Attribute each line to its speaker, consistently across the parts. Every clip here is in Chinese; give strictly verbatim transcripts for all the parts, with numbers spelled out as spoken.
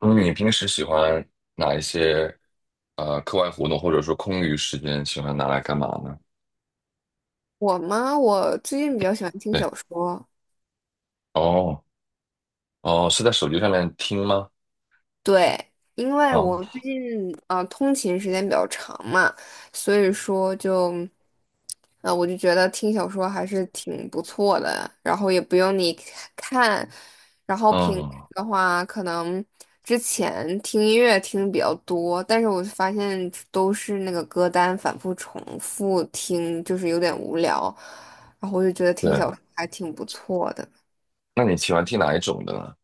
Speaker 1: 嗯，你平时喜欢哪一些呃课外活动，或者说空余时间喜欢拿来干嘛呢？
Speaker 2: 我吗？我最近比较喜欢听
Speaker 1: 对，
Speaker 2: 小说，
Speaker 1: 哦哦，是在手机上面听吗？
Speaker 2: 对，因为
Speaker 1: 哦，
Speaker 2: 我最近呃通勤时间比较长嘛，所以说就，呃我就觉得听小说还是挺不错的，然后也不用你看，然后平时
Speaker 1: 嗯，
Speaker 2: 的话可能之前听音乐听的比较多，但是我发现都是那个歌单反复重复听，就是有点无聊，然后我就觉得听
Speaker 1: 对，
Speaker 2: 小说还挺不错的。
Speaker 1: 那你喜欢听哪一种的呢？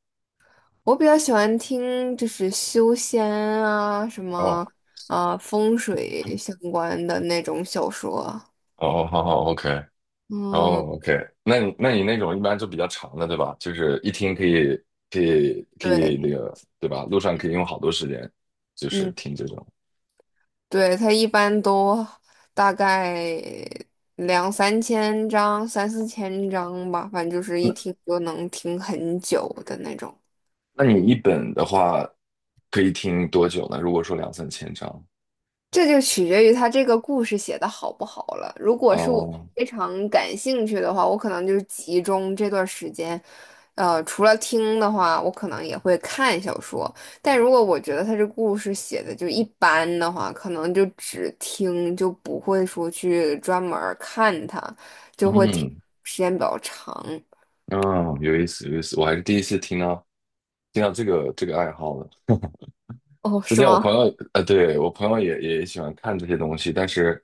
Speaker 2: 我比较喜欢听就是修仙啊，什么
Speaker 1: 哦
Speaker 2: 啊、风水相关的那种小说。
Speaker 1: 哦，哦好好，OK，哦
Speaker 2: 嗯，
Speaker 1: OK，那你那你那种一般就比较长的，对吧？就是一听可以可以可以
Speaker 2: 对，
Speaker 1: 那个，对吧？路上可以用好多时间，就是
Speaker 2: 嗯，
Speaker 1: 听这种。
Speaker 2: 对，它一般都大概两三千章、三四千章吧，反正就是一
Speaker 1: 那
Speaker 2: 听就能听很久的那种。
Speaker 1: 那你一本的话，可以听多久呢？如果说两三千章，
Speaker 2: 这就取决于他这个故事写的好不好了。如果是我
Speaker 1: 哦
Speaker 2: 非常感兴趣的话，我可能就是集中这段时间，呃，除了听的话，我可能也会看小说。但如果我觉得他这故事写的就一般的话，可能就只听，就不会说去专门儿看它，就会停
Speaker 1: 嗯，
Speaker 2: 时间比较长。
Speaker 1: 哦，有意思，有意思，我还是第一次听到听到这个这个爱好呢。
Speaker 2: 哦，
Speaker 1: 之
Speaker 2: 是
Speaker 1: 前我
Speaker 2: 吗？
Speaker 1: 朋友，呃，对，我朋友也也喜欢看这些东西，但是，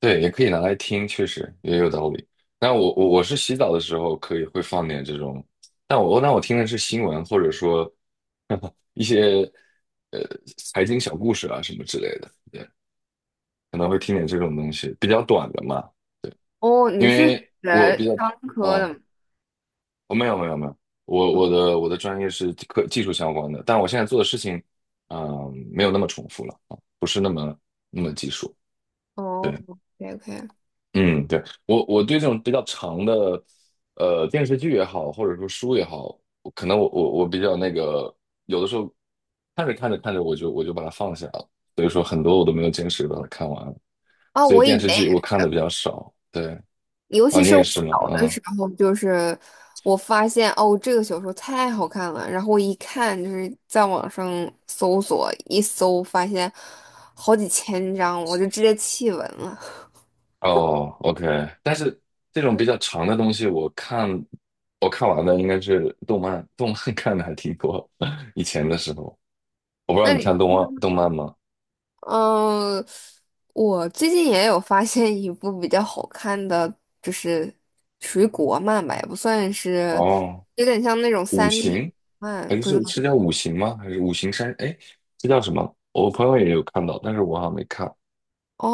Speaker 1: 对，也可以拿来听，确实也有道理。那我我我是洗澡的时候可以会放点这种，但我那我听的是新闻，或者说 一些呃财经小故事啊什么之类的，对，可能会听点这种东西，比较短的嘛，对，
Speaker 2: 哦，
Speaker 1: 因
Speaker 2: 你是
Speaker 1: 为我
Speaker 2: 学
Speaker 1: 比较，
Speaker 2: 商科的吗？
Speaker 1: 啊。我没有没有没有，我我的我的专业是科技术相关的，但我现在做的事情，嗯、没有那么重复了啊，不是那么那么技术。对，
Speaker 2: 哦，OK OK。
Speaker 1: 嗯，对，我我对这种比较长的，呃，电视剧也好，或者说书也好，我可能我我我比较那个，有的时候看着看着看着，我就我就把它放下了，所以说很多我都没有坚持把它看完，
Speaker 2: 啊，
Speaker 1: 所以
Speaker 2: 我以
Speaker 1: 电视
Speaker 2: 前
Speaker 1: 剧
Speaker 2: 也
Speaker 1: 我看的比较少。对，
Speaker 2: 尤
Speaker 1: 啊，
Speaker 2: 其
Speaker 1: 你
Speaker 2: 是
Speaker 1: 也
Speaker 2: 我小
Speaker 1: 是吗？
Speaker 2: 的时
Speaker 1: 嗯
Speaker 2: 候，就是我发现哦，这个小说太好看了，然后我一看就是在网上搜索，一搜发现好几千章，我就直接弃文了。
Speaker 1: 哦，OK,但是这种比较 长的东西，我看我看完的应该是动漫，动漫 看的还挺多。以前的时候，我不知道
Speaker 2: 那
Speaker 1: 你
Speaker 2: 你，
Speaker 1: 看动漫动漫吗？
Speaker 2: 嗯，我最近也有发现一部比较好看的，就是属于国漫吧，也不算是，
Speaker 1: 哦，
Speaker 2: 有点像那种
Speaker 1: 五
Speaker 2: 三 d
Speaker 1: 行还
Speaker 2: 漫，不知道
Speaker 1: 是是叫五行吗？还是五行山？哎，这叫什么？我朋友也有看到，但是我好像没看，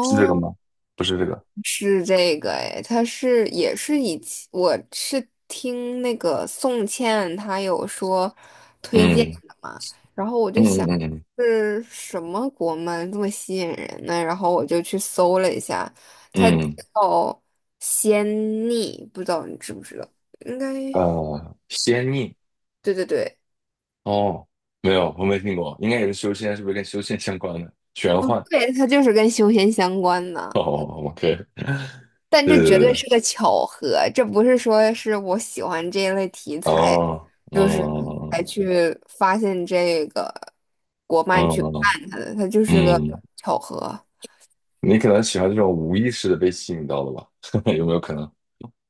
Speaker 1: 是这个吗？不是这个。
Speaker 2: 是这个哎，他是也是以前我是听那个宋茜她有说推荐
Speaker 1: 嗯
Speaker 2: 的嘛，然后我就
Speaker 1: 嗯
Speaker 2: 想
Speaker 1: 嗯嗯
Speaker 2: 是什么国漫这么吸引人呢？然后我就去搜了一下，它叫
Speaker 1: 嗯，
Speaker 2: 《仙逆》，不知道你知不知道？应该
Speaker 1: 呃，仙逆
Speaker 2: 对对对
Speaker 1: 哦，没有，我没听过，应该也是修仙，是不是跟修仙相关的？玄幻
Speaker 2: 对，它就是跟修仙相关的。
Speaker 1: 哦，OK。
Speaker 2: 但这绝对
Speaker 1: 是
Speaker 2: 是个巧合，这不是说是我喜欢这一类题材，
Speaker 1: 哦，
Speaker 2: 就是才
Speaker 1: 嗯
Speaker 2: 去发现这个国漫去
Speaker 1: 嗯
Speaker 2: 看它的，它就是个
Speaker 1: 嗯，
Speaker 2: 巧合。
Speaker 1: 你可能喜欢这种无意识的被吸引到的吧？有没有可能？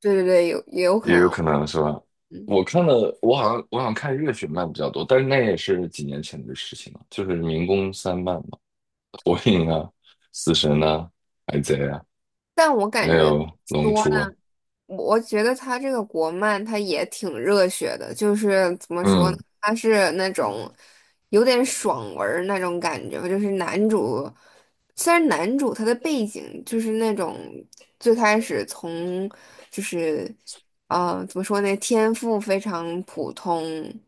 Speaker 2: 对对对，有也有可
Speaker 1: 也有
Speaker 2: 能，
Speaker 1: 可能是吧？
Speaker 2: 嗯，
Speaker 1: 我看了，我好像我好像看热血漫比较多，但是那也是几年前的事情了，就是民工三漫嘛，火影啊、死神啊、海贼啊，
Speaker 2: 但我
Speaker 1: 还
Speaker 2: 感觉
Speaker 1: 有龙
Speaker 2: 说
Speaker 1: 珠啊，
Speaker 2: 呢。我我觉得他这个国漫他也挺热血的，就是怎么说
Speaker 1: 嗯
Speaker 2: 呢，他是那种有点爽文儿那种感觉吧，就是男主，虽然男主他的背景就是那种最开始从就是呃怎么说呢，天赋非常普通，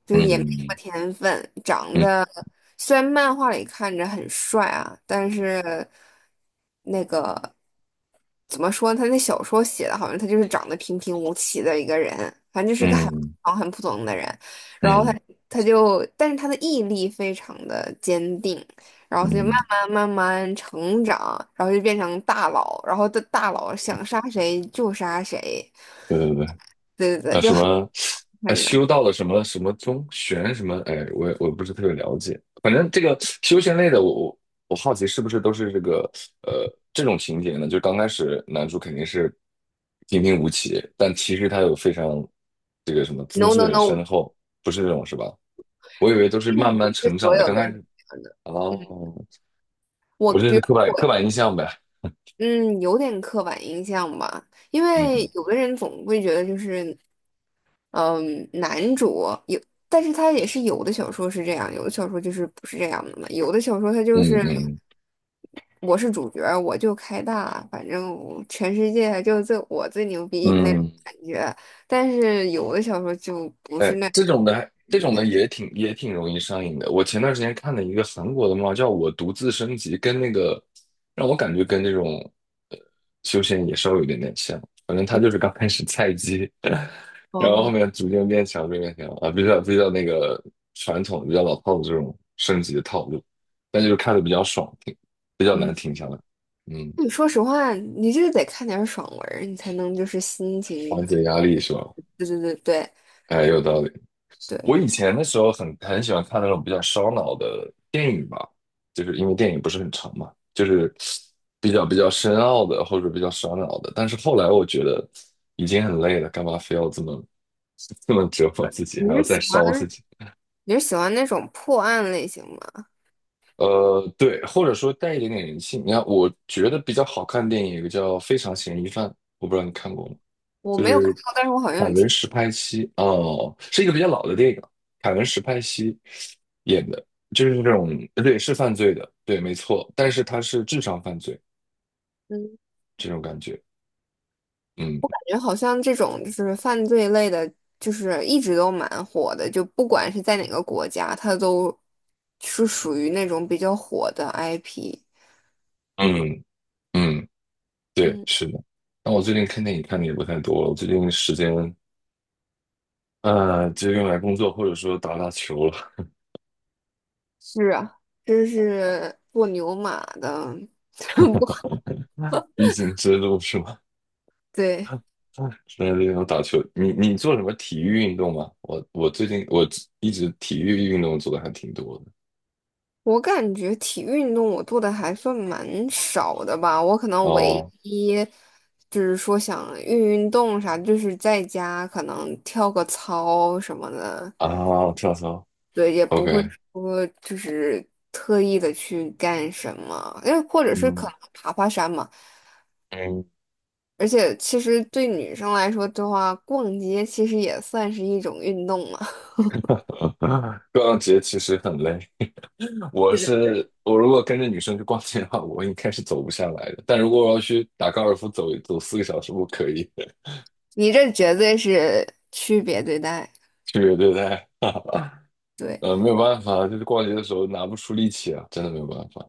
Speaker 2: 就是也没什么
Speaker 1: 嗯
Speaker 2: 天分，长
Speaker 1: 嗯
Speaker 2: 得。虽然漫画里看着很帅啊，但是那个怎么说呢他那小说写的好像他就是长得平平无奇的一个人，反正就是一个很普
Speaker 1: 嗯
Speaker 2: 通很普通的人。然后他
Speaker 1: 嗯
Speaker 2: 他就，但是他的毅力非常的坚定，然后
Speaker 1: 嗯，
Speaker 2: 他就慢
Speaker 1: 嗯
Speaker 2: 慢慢慢成长，然后就变成大佬，然后的大佬想杀谁就杀谁，
Speaker 1: 对对对。
Speaker 2: 对对对，
Speaker 1: 呃，
Speaker 2: 就
Speaker 1: 什
Speaker 2: 很
Speaker 1: 么，呃，
Speaker 2: 看着
Speaker 1: 修道的什么什么宗玄什么，哎，我也我不是特别了解。反正这个修仙类的，我我我好奇是不是都是这个呃这种情节呢？就刚开始男主肯定是平平无奇，但其实他有非常这个什么资
Speaker 2: no
Speaker 1: 质
Speaker 2: no
Speaker 1: 很深
Speaker 2: no，
Speaker 1: 厚，不是这种是吧？我以为都是
Speaker 2: 并
Speaker 1: 慢
Speaker 2: 不
Speaker 1: 慢
Speaker 2: 是
Speaker 1: 成
Speaker 2: 所
Speaker 1: 长的，
Speaker 2: 有
Speaker 1: 刚
Speaker 2: 都
Speaker 1: 开
Speaker 2: 是
Speaker 1: 始
Speaker 2: 这样的。嗯，
Speaker 1: 哦，
Speaker 2: 我
Speaker 1: 我这
Speaker 2: 比
Speaker 1: 是
Speaker 2: 如说。
Speaker 1: 刻板刻
Speaker 2: 我。
Speaker 1: 板印象呗。
Speaker 2: 嗯，有点刻板印象吧，因为
Speaker 1: 嗯
Speaker 2: 有的人总会觉得就是，嗯，男主有，但是他也是有的小说是这样，有的小说就是不是这样的嘛，有的小说他就
Speaker 1: 嗯
Speaker 2: 是
Speaker 1: 嗯
Speaker 2: 我是主角儿我就开大，反正我全世界就这我最牛逼那种
Speaker 1: 嗯。
Speaker 2: 感觉，但是有的小说就不
Speaker 1: 哎，
Speaker 2: 是那
Speaker 1: 这种的，这
Speaker 2: 这
Speaker 1: 种的
Speaker 2: 样。
Speaker 1: 也挺也挺容易上瘾的。我前段时间看了一个韩国的漫画叫《我独自升级》，跟那个让我感觉跟这种呃修仙也稍微有点点像。反正他就是刚开始菜鸡，然后后
Speaker 2: 哦，
Speaker 1: 面逐渐变强，逐渐变强啊，比较比较那个传统、比较老套的这种升级的套路，但就是看的比较爽，挺比较
Speaker 2: 嗯，
Speaker 1: 难停下来。嗯，
Speaker 2: 你说实话，你就是得看点儿爽文儿你才能就是心
Speaker 1: 缓
Speaker 2: 情，
Speaker 1: 解压力是吧？
Speaker 2: 对对对对
Speaker 1: 哎，有道理。
Speaker 2: 对。
Speaker 1: 我以前的时候很很喜欢看那种比较烧脑的电影吧，就是因为电影不是很长嘛，就是比较比较深奥的或者比较烧脑的。但是后来我觉得已经很累了，干嘛非要这么 这么折磨自己，
Speaker 2: 你
Speaker 1: 还要
Speaker 2: 是
Speaker 1: 再
Speaker 2: 喜欢。
Speaker 1: 烧自己？
Speaker 2: 你是喜欢那种破案类型吗？
Speaker 1: 呃，对，或者说带一点点人性。你看，我觉得比较好看的电影有个叫《非常嫌疑犯》，我不知道你看过吗？
Speaker 2: 我
Speaker 1: 就
Speaker 2: 没有看
Speaker 1: 是
Speaker 2: 过，但是我好
Speaker 1: 凯
Speaker 2: 像有听，
Speaker 1: 文·史派西，哦，是一个比较老的电影，凯文·史派西演的，就是这种，对，是犯罪的，对，没错，但是他是智商犯罪
Speaker 2: 嗯，
Speaker 1: 这种感觉，
Speaker 2: 感
Speaker 1: 嗯
Speaker 2: 觉好像这种就是犯罪类的，就是一直都蛮火的，就不管是在哪个国家，它都是属于那种比较火的 I P。
Speaker 1: 嗯嗯，对，
Speaker 2: 嗯，
Speaker 1: 是的。那我最近看电影看的也不太多了，我最近时间呃就用来工作或者说打打球了，
Speaker 2: 是啊，这是做牛马的，不，
Speaker 1: 必经之路是吗？
Speaker 2: 对。
Speaker 1: 那那种打球，你你做什么体育运动吗？我我最近我一直体育运动做的还挺多的。
Speaker 2: 我感觉体育运动我做的还算蛮少的吧，我可能唯
Speaker 1: 哦
Speaker 2: 一就是说想运运动啥，就是在家可能跳个操什么的，
Speaker 1: 啊，跳操
Speaker 2: 对，也不会
Speaker 1: ，OK,
Speaker 2: 说就是特意的去干什么，因为或者是可
Speaker 1: 嗯
Speaker 2: 能爬爬山嘛。
Speaker 1: 嗯，
Speaker 2: 而且其实对女生来说的话，逛街其实也算是一种运动嘛。
Speaker 1: 逛街其实很累。我
Speaker 2: 对对对，
Speaker 1: 是我如果跟着女生去逛街的话，我应该是走不下来的。但如果我要去打高尔夫走，走，四个小时，我可以的
Speaker 2: 你这绝对是区别对待，
Speaker 1: 区别 对待。
Speaker 2: 对。
Speaker 1: 呃，没有办法，就是逛街的时候拿不出力气啊，真的没有办法。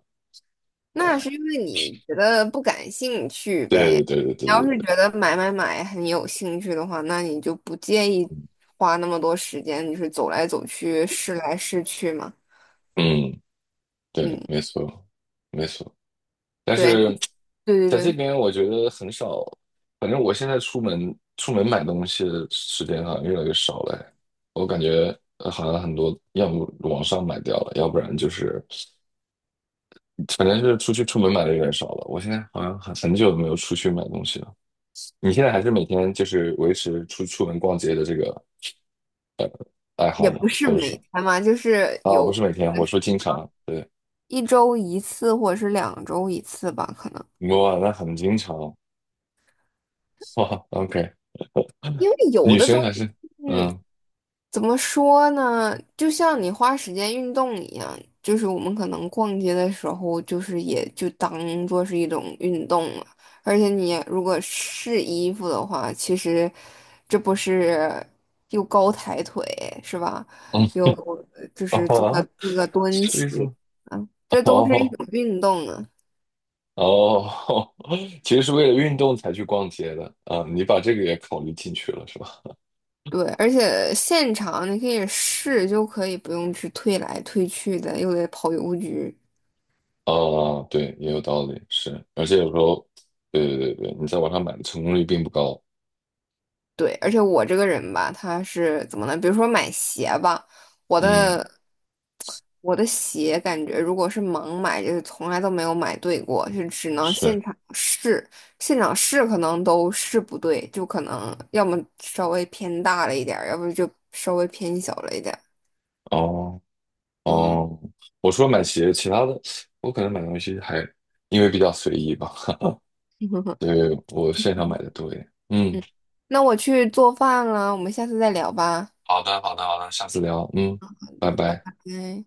Speaker 2: 那是因为你觉得不感兴趣
Speaker 1: 对对
Speaker 2: 呗。
Speaker 1: 对对对
Speaker 2: 你
Speaker 1: 对
Speaker 2: 要是
Speaker 1: 对，
Speaker 2: 觉得买买买很有兴趣的话，那你就不介意花那么多时间，就是走来走去、试来试去嘛。
Speaker 1: 嗯，对，
Speaker 2: 嗯，
Speaker 1: 没错，没错。但
Speaker 2: 对，
Speaker 1: 是
Speaker 2: 对对
Speaker 1: 在这
Speaker 2: 对，
Speaker 1: 边我觉得很少，反正我现在出门出门买东西的时间好像越来越少了。我感觉呃好像很多要么网上买掉了，要不然就是反正就是出去出门买的有点少了。我现在好像很很久没有出去买东西了。你现在还是每天就是维持出出门逛街的这个爱
Speaker 2: 也
Speaker 1: 好吗？
Speaker 2: 不是
Speaker 1: 或者是
Speaker 2: 每天嘛，就是
Speaker 1: 啊，不
Speaker 2: 有
Speaker 1: 是每天，我说经常，对，
Speaker 2: 一周一次或者是两周一次吧，可能。
Speaker 1: 哇，那很经常，哇，OK,
Speaker 2: 因为有
Speaker 1: 女
Speaker 2: 的都。
Speaker 1: 生还是嗯。
Speaker 2: 怎么说呢？就像你花时间运动一样，就是我们可能逛街的时候，就是也就当做是一种运动了。而且你如果试衣服的话，其实这不是又高抬腿是吧？又就 是做个
Speaker 1: 啊，
Speaker 2: 做个蹲
Speaker 1: 所以
Speaker 2: 起，
Speaker 1: 说，
Speaker 2: 啊，这都是一
Speaker 1: 哦
Speaker 2: 种运动啊。
Speaker 1: 哦，其实是为了运动才去逛街的啊，你把这个也考虑进去了是吧？
Speaker 2: 对，而且现场你可以试，就可以不用去退来退去的，又得跑邮局。
Speaker 1: 啊，对，也有道理，是，而且有时候，对对对对，你在网上买的成功率并不高，
Speaker 2: 对，而且我这个人吧，他是怎么呢？比如说买鞋吧，我
Speaker 1: 嗯，
Speaker 2: 的我的鞋感觉如果是盲买，就是从来都没有买对过，就只能现
Speaker 1: 是，
Speaker 2: 场试，现场试可能都试不对，就可能要么稍微偏大了一点儿，要不就稍微偏小了一点儿。
Speaker 1: 哦
Speaker 2: 嗯
Speaker 1: 哦，我除了买鞋，其他的我可能买东西还因为比较随意吧，所以我线上买的多一点，嗯，
Speaker 2: 嗯，那我去做饭了，我们下次再聊吧，
Speaker 1: 好的好的好的，下次聊，嗯，拜
Speaker 2: 拜
Speaker 1: 拜。
Speaker 2: 拜。